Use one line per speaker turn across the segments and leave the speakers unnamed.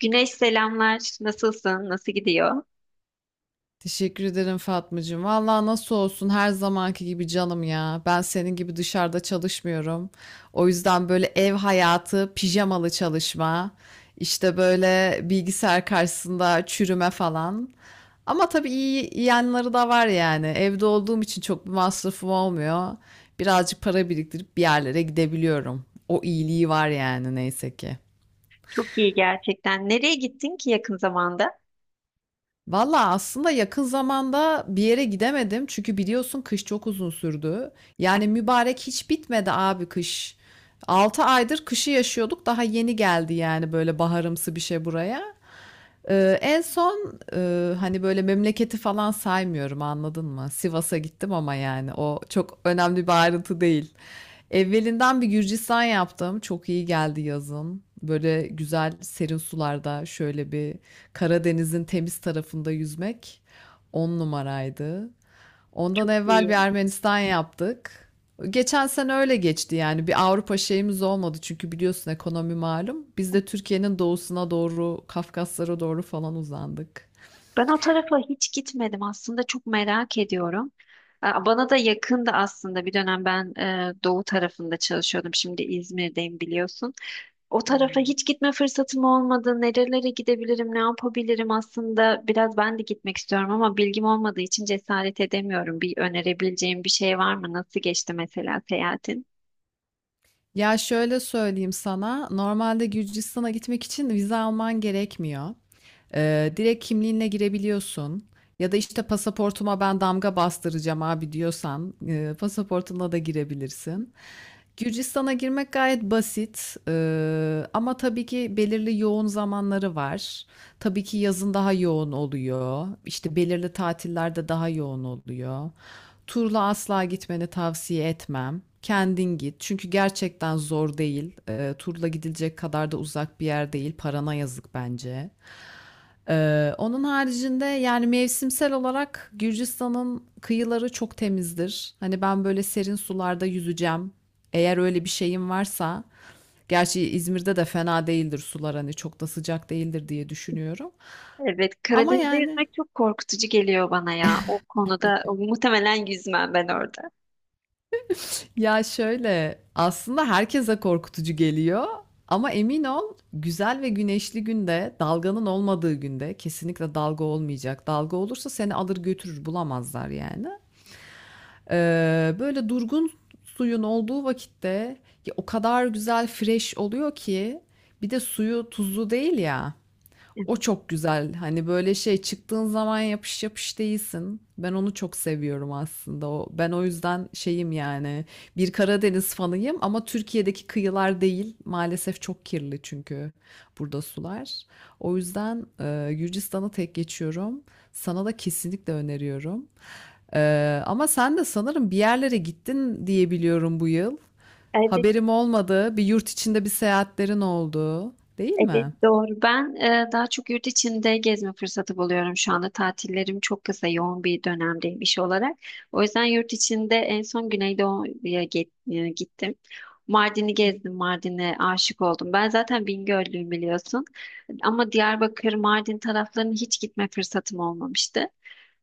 Güneş, selamlar. Nasılsın? Nasıl gidiyor?
Teşekkür ederim Fatmacığım. Vallahi nasıl olsun her zamanki gibi canım ya. Ben senin gibi dışarıda çalışmıyorum. O yüzden böyle ev hayatı, pijamalı çalışma, işte böyle bilgisayar karşısında çürüme falan. Ama tabii iyi iyi yanları da var yani. Evde olduğum için çok bir masrafım olmuyor. Birazcık para biriktirip bir yerlere gidebiliyorum. O iyiliği var yani neyse ki.
Çok iyi gerçekten. Nereye gittin ki yakın zamanda?
Valla aslında yakın zamanda bir yere gidemedim. Çünkü biliyorsun kış çok uzun sürdü. Yani mübarek hiç bitmedi abi kış. 6 aydır kışı yaşıyorduk. Daha yeni geldi yani böyle baharımsı bir şey buraya. En son hani böyle memleketi falan saymıyorum anladın mı? Sivas'a gittim ama yani o çok önemli bir ayrıntı değil. Evvelinden bir Gürcistan yaptım. Çok iyi geldi yazın. Böyle güzel serin sularda şöyle bir Karadeniz'in temiz tarafında yüzmek on numaraydı. Ondan evvel bir
İyiyim.
Ermenistan yaptık. Geçen sene öyle geçti yani. Bir Avrupa şeyimiz olmadı çünkü biliyorsun ekonomi malum. Biz de Türkiye'nin doğusuna doğru, Kafkaslara doğru falan uzandık.
Ben o tarafa hiç gitmedim. Aslında çok merak ediyorum. Aa, bana da yakındı aslında. Bir dönem ben doğu tarafında çalışıyordum. Şimdi İzmir'deyim biliyorsun. O
Hı
tarafa
hı.
hiç gitme fırsatım olmadı. Nerelere gidebilirim, ne yapabilirim aslında. Biraz ben de gitmek istiyorum ama bilgim olmadığı için cesaret edemiyorum. Bir önerebileceğim bir şey var mı? Nasıl geçti mesela seyahatin?
Ya şöyle söyleyeyim sana, normalde Gürcistan'a gitmek için vize alman gerekmiyor. Direkt kimliğinle girebiliyorsun. Ya da işte pasaportuma ben damga bastıracağım abi diyorsan pasaportunla da girebilirsin. Gürcistan'a girmek gayet basit. Ama tabii ki belirli yoğun zamanları var. Tabii ki yazın daha yoğun oluyor. İşte belirli tatillerde daha yoğun oluyor. Turla asla gitmeni tavsiye etmem. Kendin git. Çünkü gerçekten zor değil. Turla gidilecek kadar da uzak bir yer değil. Parana yazık bence. Onun haricinde yani mevsimsel olarak Gürcistan'ın kıyıları çok temizdir. Hani ben böyle serin sularda yüzeceğim. Eğer öyle bir şeyim varsa, gerçi İzmir'de de fena değildir sular hani çok da sıcak değildir diye düşünüyorum.
Evet,
Ama
Karadeniz'de
yani
yüzmek çok korkutucu geliyor bana ya. O konuda muhtemelen yüzmem ben orada.
ya şöyle aslında herkese korkutucu geliyor ama emin ol güzel ve güneşli günde dalganın olmadığı günde kesinlikle dalga olmayacak. Dalga olursa seni alır götürür bulamazlar yani. Böyle durgun suyun olduğu vakitte ya o kadar güzel fresh oluyor ki bir de suyu tuzlu değil ya. O çok güzel. Hani böyle şey çıktığın zaman yapış yapış değilsin. Ben onu çok seviyorum aslında. O, ben o yüzden şeyim yani bir Karadeniz fanıyım ama Türkiye'deki kıyılar değil. Maalesef çok kirli çünkü burada sular. O yüzden Gürcistan'ı tek geçiyorum. Sana da kesinlikle öneriyorum. Ama sen de sanırım bir yerlere gittin diye biliyorum bu yıl.
Evet,
Haberim olmadı. Bir yurt içinde bir seyahatlerin oldu, değil
evet
mi?
doğru. Ben daha çok yurt içinde gezme fırsatı buluyorum şu anda. Tatillerim çok kısa, yoğun bir dönemdeyim iş olarak. O yüzden yurt içinde en son Güneydoğu'ya gittim. Mardin'i gezdim, Mardin'e aşık oldum. Ben zaten Bingöllüyüm biliyorsun. Ama Diyarbakır, Mardin taraflarına hiç gitme fırsatım olmamıştı.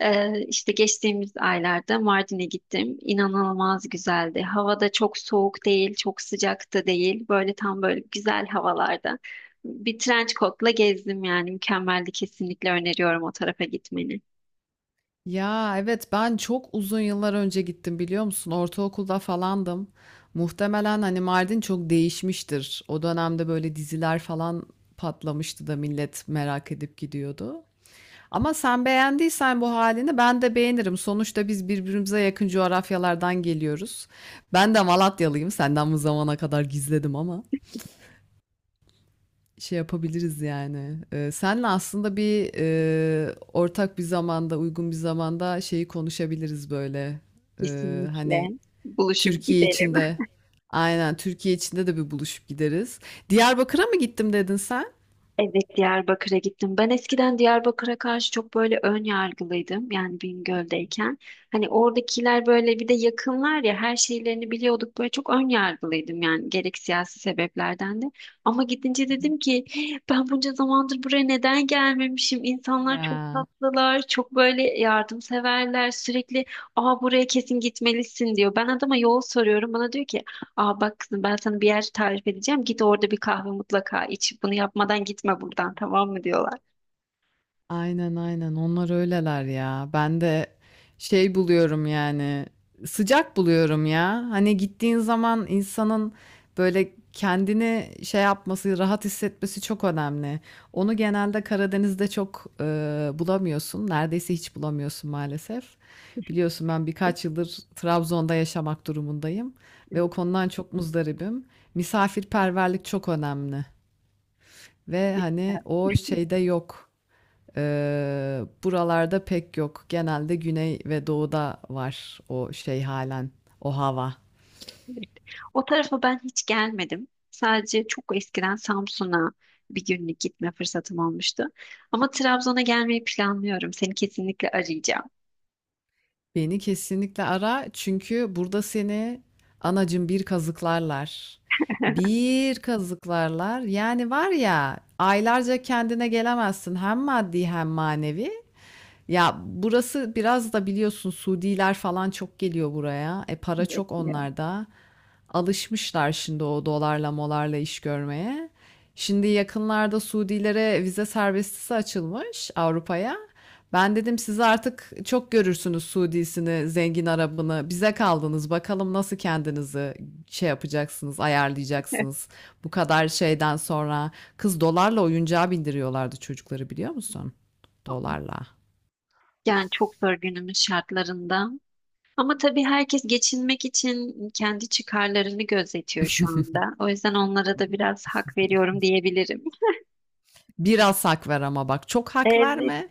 İşte geçtiğimiz aylarda Mardin'e gittim. İnanılmaz güzeldi. Hava da çok soğuk değil, çok sıcak da değil. Böyle tam böyle güzel havalarda. Bir trench coat'la gezdim yani. Mükemmeldi. Kesinlikle öneriyorum o tarafa gitmeni.
Ya evet ben çok uzun yıllar önce gittim biliyor musun? Ortaokulda falandım. Muhtemelen hani Mardin çok değişmiştir. O dönemde böyle diziler falan patlamıştı da millet merak edip gidiyordu. Ama sen beğendiysen bu halini ben de beğenirim. Sonuçta biz birbirimize yakın coğrafyalardan geliyoruz. Ben de Malatyalıyım. Senden bu zamana kadar gizledim ama şey yapabiliriz yani. Senle aslında bir ortak bir zamanda, uygun bir zamanda şeyi konuşabiliriz böyle. Hani
Kesinlikle. Buluşup
Türkiye
gidelim.
içinde, aynen Türkiye içinde de bir buluşup gideriz. Diyarbakır'a mı gittim dedin sen?
Evet, Diyarbakır'a gittim. Ben eskiden Diyarbakır'a karşı çok böyle ön yargılıydım. Yani Bingöl'deyken. Hani oradakiler böyle bir de yakınlar ya, her şeylerini biliyorduk. Böyle çok ön yargılıydım yani, gerek siyasi sebeplerden de. Ama gidince
Hı hı.
dedim ki: "Hey, ben bunca zamandır buraya neden gelmemişim? İnsanlar çok
Ya.
tatlılar, çok böyle yardımseverler. Sürekli aa, buraya kesin gitmelisin diyor. Ben adama yol soruyorum. Bana diyor ki: aa, bak kızım, ben sana bir yer tarif edeceğim. Git orada bir kahve mutlaka iç. Bunu yapmadan gitme buradan, tamam mı diyorlar.
Aynen aynen onlar öyleler ya. Ben de şey buluyorum yani sıcak buluyorum ya. Hani gittiğin zaman insanın böyle kendini şey yapması, rahat hissetmesi çok önemli. Onu genelde Karadeniz'de çok bulamıyorsun. Neredeyse hiç bulamıyorsun maalesef. Biliyorsun ben birkaç yıldır Trabzon'da yaşamak durumundayım ve o konudan çok muzdaribim. Misafirperverlik çok önemli ve hani
Evet.
o şeyde yok. Buralarda pek yok. Genelde güney ve doğuda var o şey halen, o hava.
Evet. O tarafa ben hiç gelmedim. Sadece çok eskiden Samsun'a bir günlük gitme fırsatım olmuştu. Ama Trabzon'a gelmeyi planlıyorum. Seni kesinlikle arayacağım.
Beni kesinlikle ara çünkü burada seni anacım bir kazıklarlar. Bir kazıklarlar. Yani var ya aylarca kendine gelemezsin hem maddi hem manevi. Ya burası biraz da biliyorsun Suudiler falan çok geliyor buraya. E para
Evet,
çok
biliyorum.
onlarda. Alışmışlar şimdi o dolarla molarla iş görmeye. Şimdi yakınlarda Suudilere vize serbestisi açılmış Avrupa'ya. Ben dedim siz artık çok görürsünüz Suudisini, zengin Arabını. Bize kaldınız. Bakalım nasıl kendinizi şey yapacaksınız, ayarlayacaksınız. Bu kadar şeyden sonra kız dolarla oyuncağa bindiriyorlardı çocukları biliyor musun? Dolarla.
Yani çok zor günümüz şartlarında. Ama tabii herkes geçinmek için kendi çıkarlarını gözetiyor şu anda. O yüzden onlara da biraz hak veriyorum diyebilirim.
Biraz hak ver ama bak çok hak
Evet,
verme.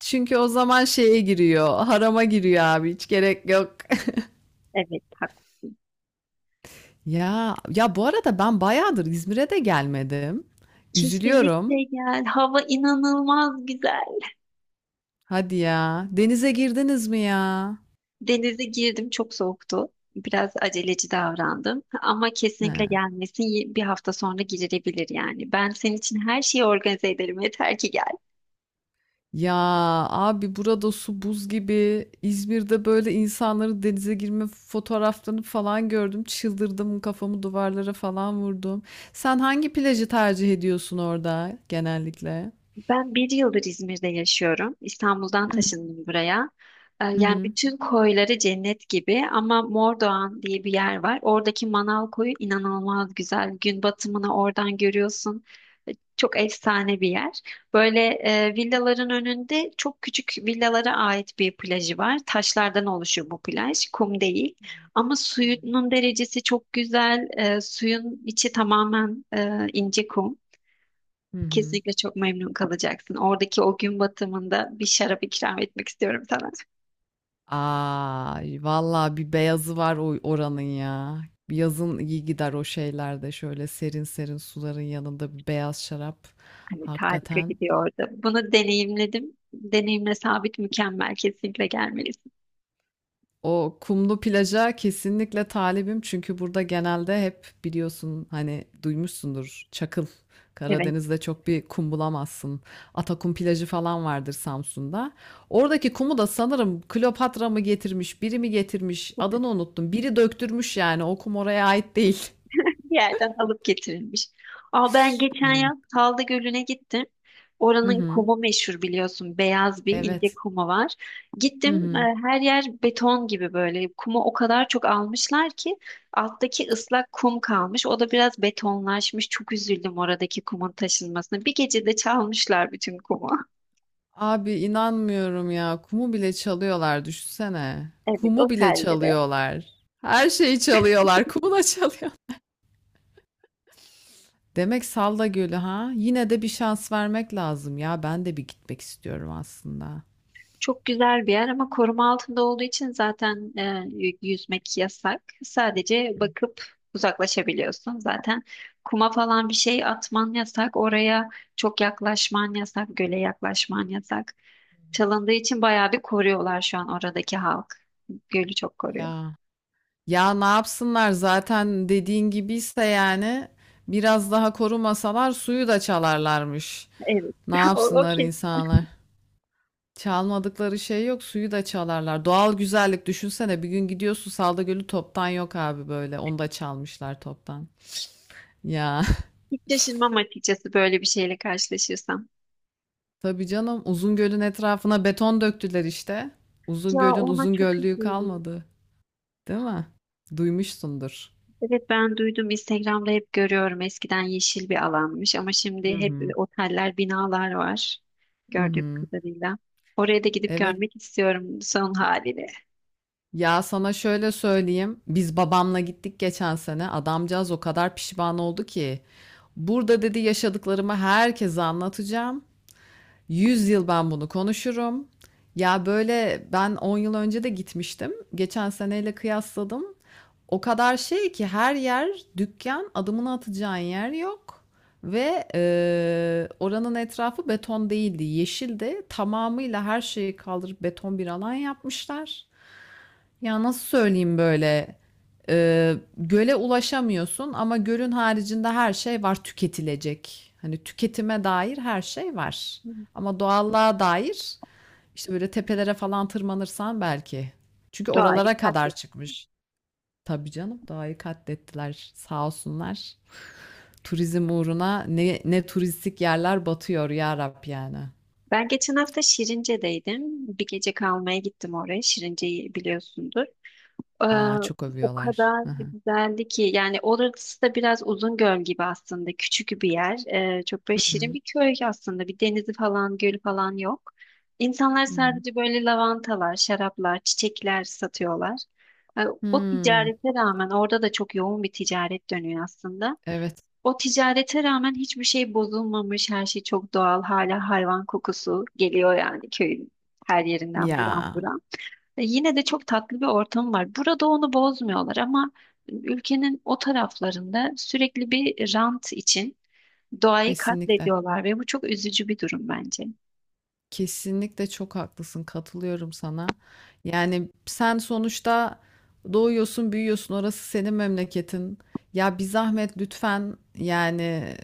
Çünkü o zaman şeye giriyor, harama giriyor abi hiç gerek yok.
evet, hak.
Ya ya bu arada ben bayağıdır İzmir'e de gelmedim.
Kesinlikle
Üzülüyorum.
gel. Hava inanılmaz güzel.
Hadi ya. Denize girdiniz mi ya?
Denize girdim, çok soğuktu. Biraz aceleci davrandım. Ama
He.
kesinlikle gelmesin. Bir hafta sonra girilebilir yani. Ben senin için her şeyi organize ederim. Yeter ki gel.
Ya abi burada su buz gibi. İzmir'de böyle insanların denize girme fotoğraflarını falan gördüm. Çıldırdım, kafamı duvarlara falan vurdum. Sen hangi plajı tercih ediyorsun orada genellikle?
Ben bir yıldır İzmir'de yaşıyorum. İstanbul'dan
Hı hı.
taşındım buraya. Yani bütün koyları cennet gibi ama Mordoğan diye bir yer var. Oradaki Manal koyu inanılmaz güzel. Gün batımını oradan görüyorsun. Çok efsane bir yer. Böyle villaların önünde çok küçük villalara ait bir plajı var. Taşlardan oluşuyor bu plaj. Kum değil.
Hı hı.
Ama
Hı hı.
suyunun derecesi çok güzel. Suyun içi tamamen ince kum. Kesinlikle çok memnun kalacaksın. Oradaki o gün batımında bir şarap ikram etmek istiyorum sana.
Ay vallahi bir beyazı var o oranın ya. Yazın iyi gider o şeylerde şöyle serin serin suların yanında bir beyaz şarap.
Hani harika
Hakikaten
gidiyordu. Bunu deneyimledim. Deneyimle sabit, mükemmel. Kesinlikle gelmelisin.
o kumlu plaja kesinlikle talibim çünkü burada genelde hep biliyorsun hani duymuşsundur çakıl.
Evet.
Karadeniz'de çok bir kum bulamazsın. Atakum plajı falan vardır Samsun'da. Oradaki kumu da sanırım Kleopatra mı getirmiş, biri mi getirmiş, adını unuttum. Biri döktürmüş yani o kum oraya ait değil.
Bir yerden alıp getirilmiş. Aa, ben geçen
Aynen.
yaz Salda Gölü'ne gittim.
Hı
Oranın
hı.
kumu meşhur biliyorsun. Beyaz bir ince
Evet.
kumu var.
Hı
Gittim,
hı.
her yer beton gibi böyle. Kumu o kadar çok almışlar ki alttaki ıslak kum kalmış. O da biraz betonlaşmış. Çok üzüldüm oradaki kumun taşınmasına. Bir gecede çalmışlar bütün kumu.
Abi inanmıyorum ya. Kumu bile çalıyorlar düşünsene.
Evet,
Kumu bile
otellere.
çalıyorlar. Her şeyi çalıyorlar. Kumu da çalıyor. Demek Salda Gölü ha? Yine de bir şans vermek lazım ya. Ben de bir gitmek istiyorum aslında.
Çok güzel bir yer ama koruma altında olduğu için zaten yüzmek yasak. Sadece bakıp uzaklaşabiliyorsun. Zaten kuma falan bir şey atman yasak. Oraya çok yaklaşman yasak. Göle yaklaşman yasak. Çalındığı için bayağı bir koruyorlar şu an oradaki halk. Gölü çok koruyor.
Ya. Ya ne yapsınlar zaten dediğin gibiyse yani biraz daha korumasalar suyu da çalarlarmış.
Evet.
Ne
O, o
yapsınlar
kesin.
insanlar? Çalmadıkları şey yok, suyu da çalarlar. Doğal güzellik düşünsene bir gün gidiyorsun Salda Gölü toptan yok abi böyle. Onu da çalmışlar toptan. Ya
Hiç şaşırmam açıkçası böyle bir şeyle karşılaşırsam.
tabii canım Uzungöl'ün etrafına beton döktüler işte.
Ya,
Uzungöl'ün
ona çok
Uzungöllüğü
üzüldüm.
kalmadı. Değil mi? Duymuşsundur.
Evet, ben duydum, Instagram'da hep görüyorum, eskiden yeşil bir alanmış ama
Hı
şimdi hep
hı.
oteller, binalar var
Hı
gördüğüm
hı.
kadarıyla. Oraya da gidip
Evet.
görmek istiyorum son halini.
Ya, sana şöyle söyleyeyim, biz babamla gittik geçen sene. Adamcağız o kadar pişman oldu ki, "Burada" dedi, "yaşadıklarımı herkese anlatacağım. 100 yıl ben bunu konuşurum." Ya, böyle ben 10 yıl önce de gitmiştim. Geçen seneyle kıyasladım. O kadar şey ki her yer dükkan, adımını atacağın yer yok ve oranın etrafı beton değildi, yeşildi. Tamamıyla her şeyi kaldırıp beton bir alan yapmışlar. Ya nasıl söyleyeyim böyle göle ulaşamıyorsun ama gölün haricinde her şey var tüketilecek. Hani tüketime dair her şey var.
Hı.
Ama doğallığa dair işte böyle tepelere falan tırmanırsan belki. Çünkü
Doğayı
oralara kadar
katlet.
çıkmış. Tabii canım doğayı katlettiler sağ olsunlar. Turizm uğruna ne turistik yerler batıyor ya Rab yani.
Ben geçen hafta Şirince'deydim. Bir gece kalmaya gittim oraya. Şirince'yi biliyorsundur. Ee,
Aa çok
O
övüyorlar.
kadar
Hı hı.
güzeldi ki, yani orası da biraz Uzungöl gibi aslında, küçük bir yer. Çok böyle
Hı
şirin
hı.
bir köy aslında, bir denizi falan, gölü falan yok. İnsanlar
Hı hı.
sadece böyle lavantalar, şaraplar, çiçekler satıyorlar. Ee, o
Hmm,
ticarete rağmen orada da çok yoğun bir ticaret dönüyor aslında.
evet.
O ticarete rağmen hiçbir şey bozulmamış, her şey çok doğal. Hala hayvan kokusu geliyor yani, köyün her yerinden buram
Ya
buram. Yine de çok tatlı bir ortam var. Burada onu bozmuyorlar ama ülkenin o taraflarında sürekli bir rant için doğayı
kesinlikle.
katlediyorlar ve bu çok üzücü bir durum bence.
Kesinlikle çok haklısın. Katılıyorum sana. Yani sen sonuçta doğuyorsun, büyüyorsun. Orası senin memleketin. Ya bir zahmet lütfen yani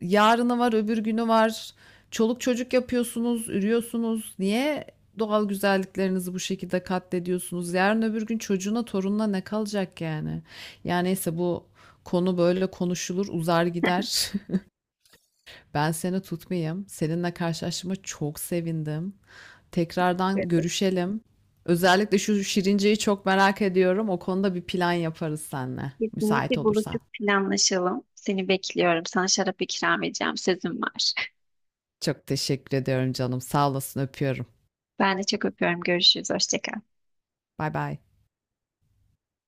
yarını var, öbür günü var. Çoluk çocuk yapıyorsunuz, ürüyorsunuz. Niye doğal güzelliklerinizi bu şekilde katlediyorsunuz? Yarın öbür gün çocuğuna, torununa ne kalacak yani? Yani neyse bu konu böyle konuşulur, uzar gider. Ben seni tutmayayım. Seninle karşılaştığıma çok sevindim. Tekrardan
Evet.
görüşelim. Özellikle şu Şirince'yi çok merak ediyorum. O konuda bir plan yaparız seninle. Müsait
Kesinlikle
olursan.
buluşup planlaşalım. Seni bekliyorum. Sana şarap ikram edeceğim. Sözüm var.
Çok teşekkür ediyorum canım. Sağ olasın, öpüyorum.
Ben de çok öpüyorum. Görüşürüz. Hoşça kal.
Bay bay.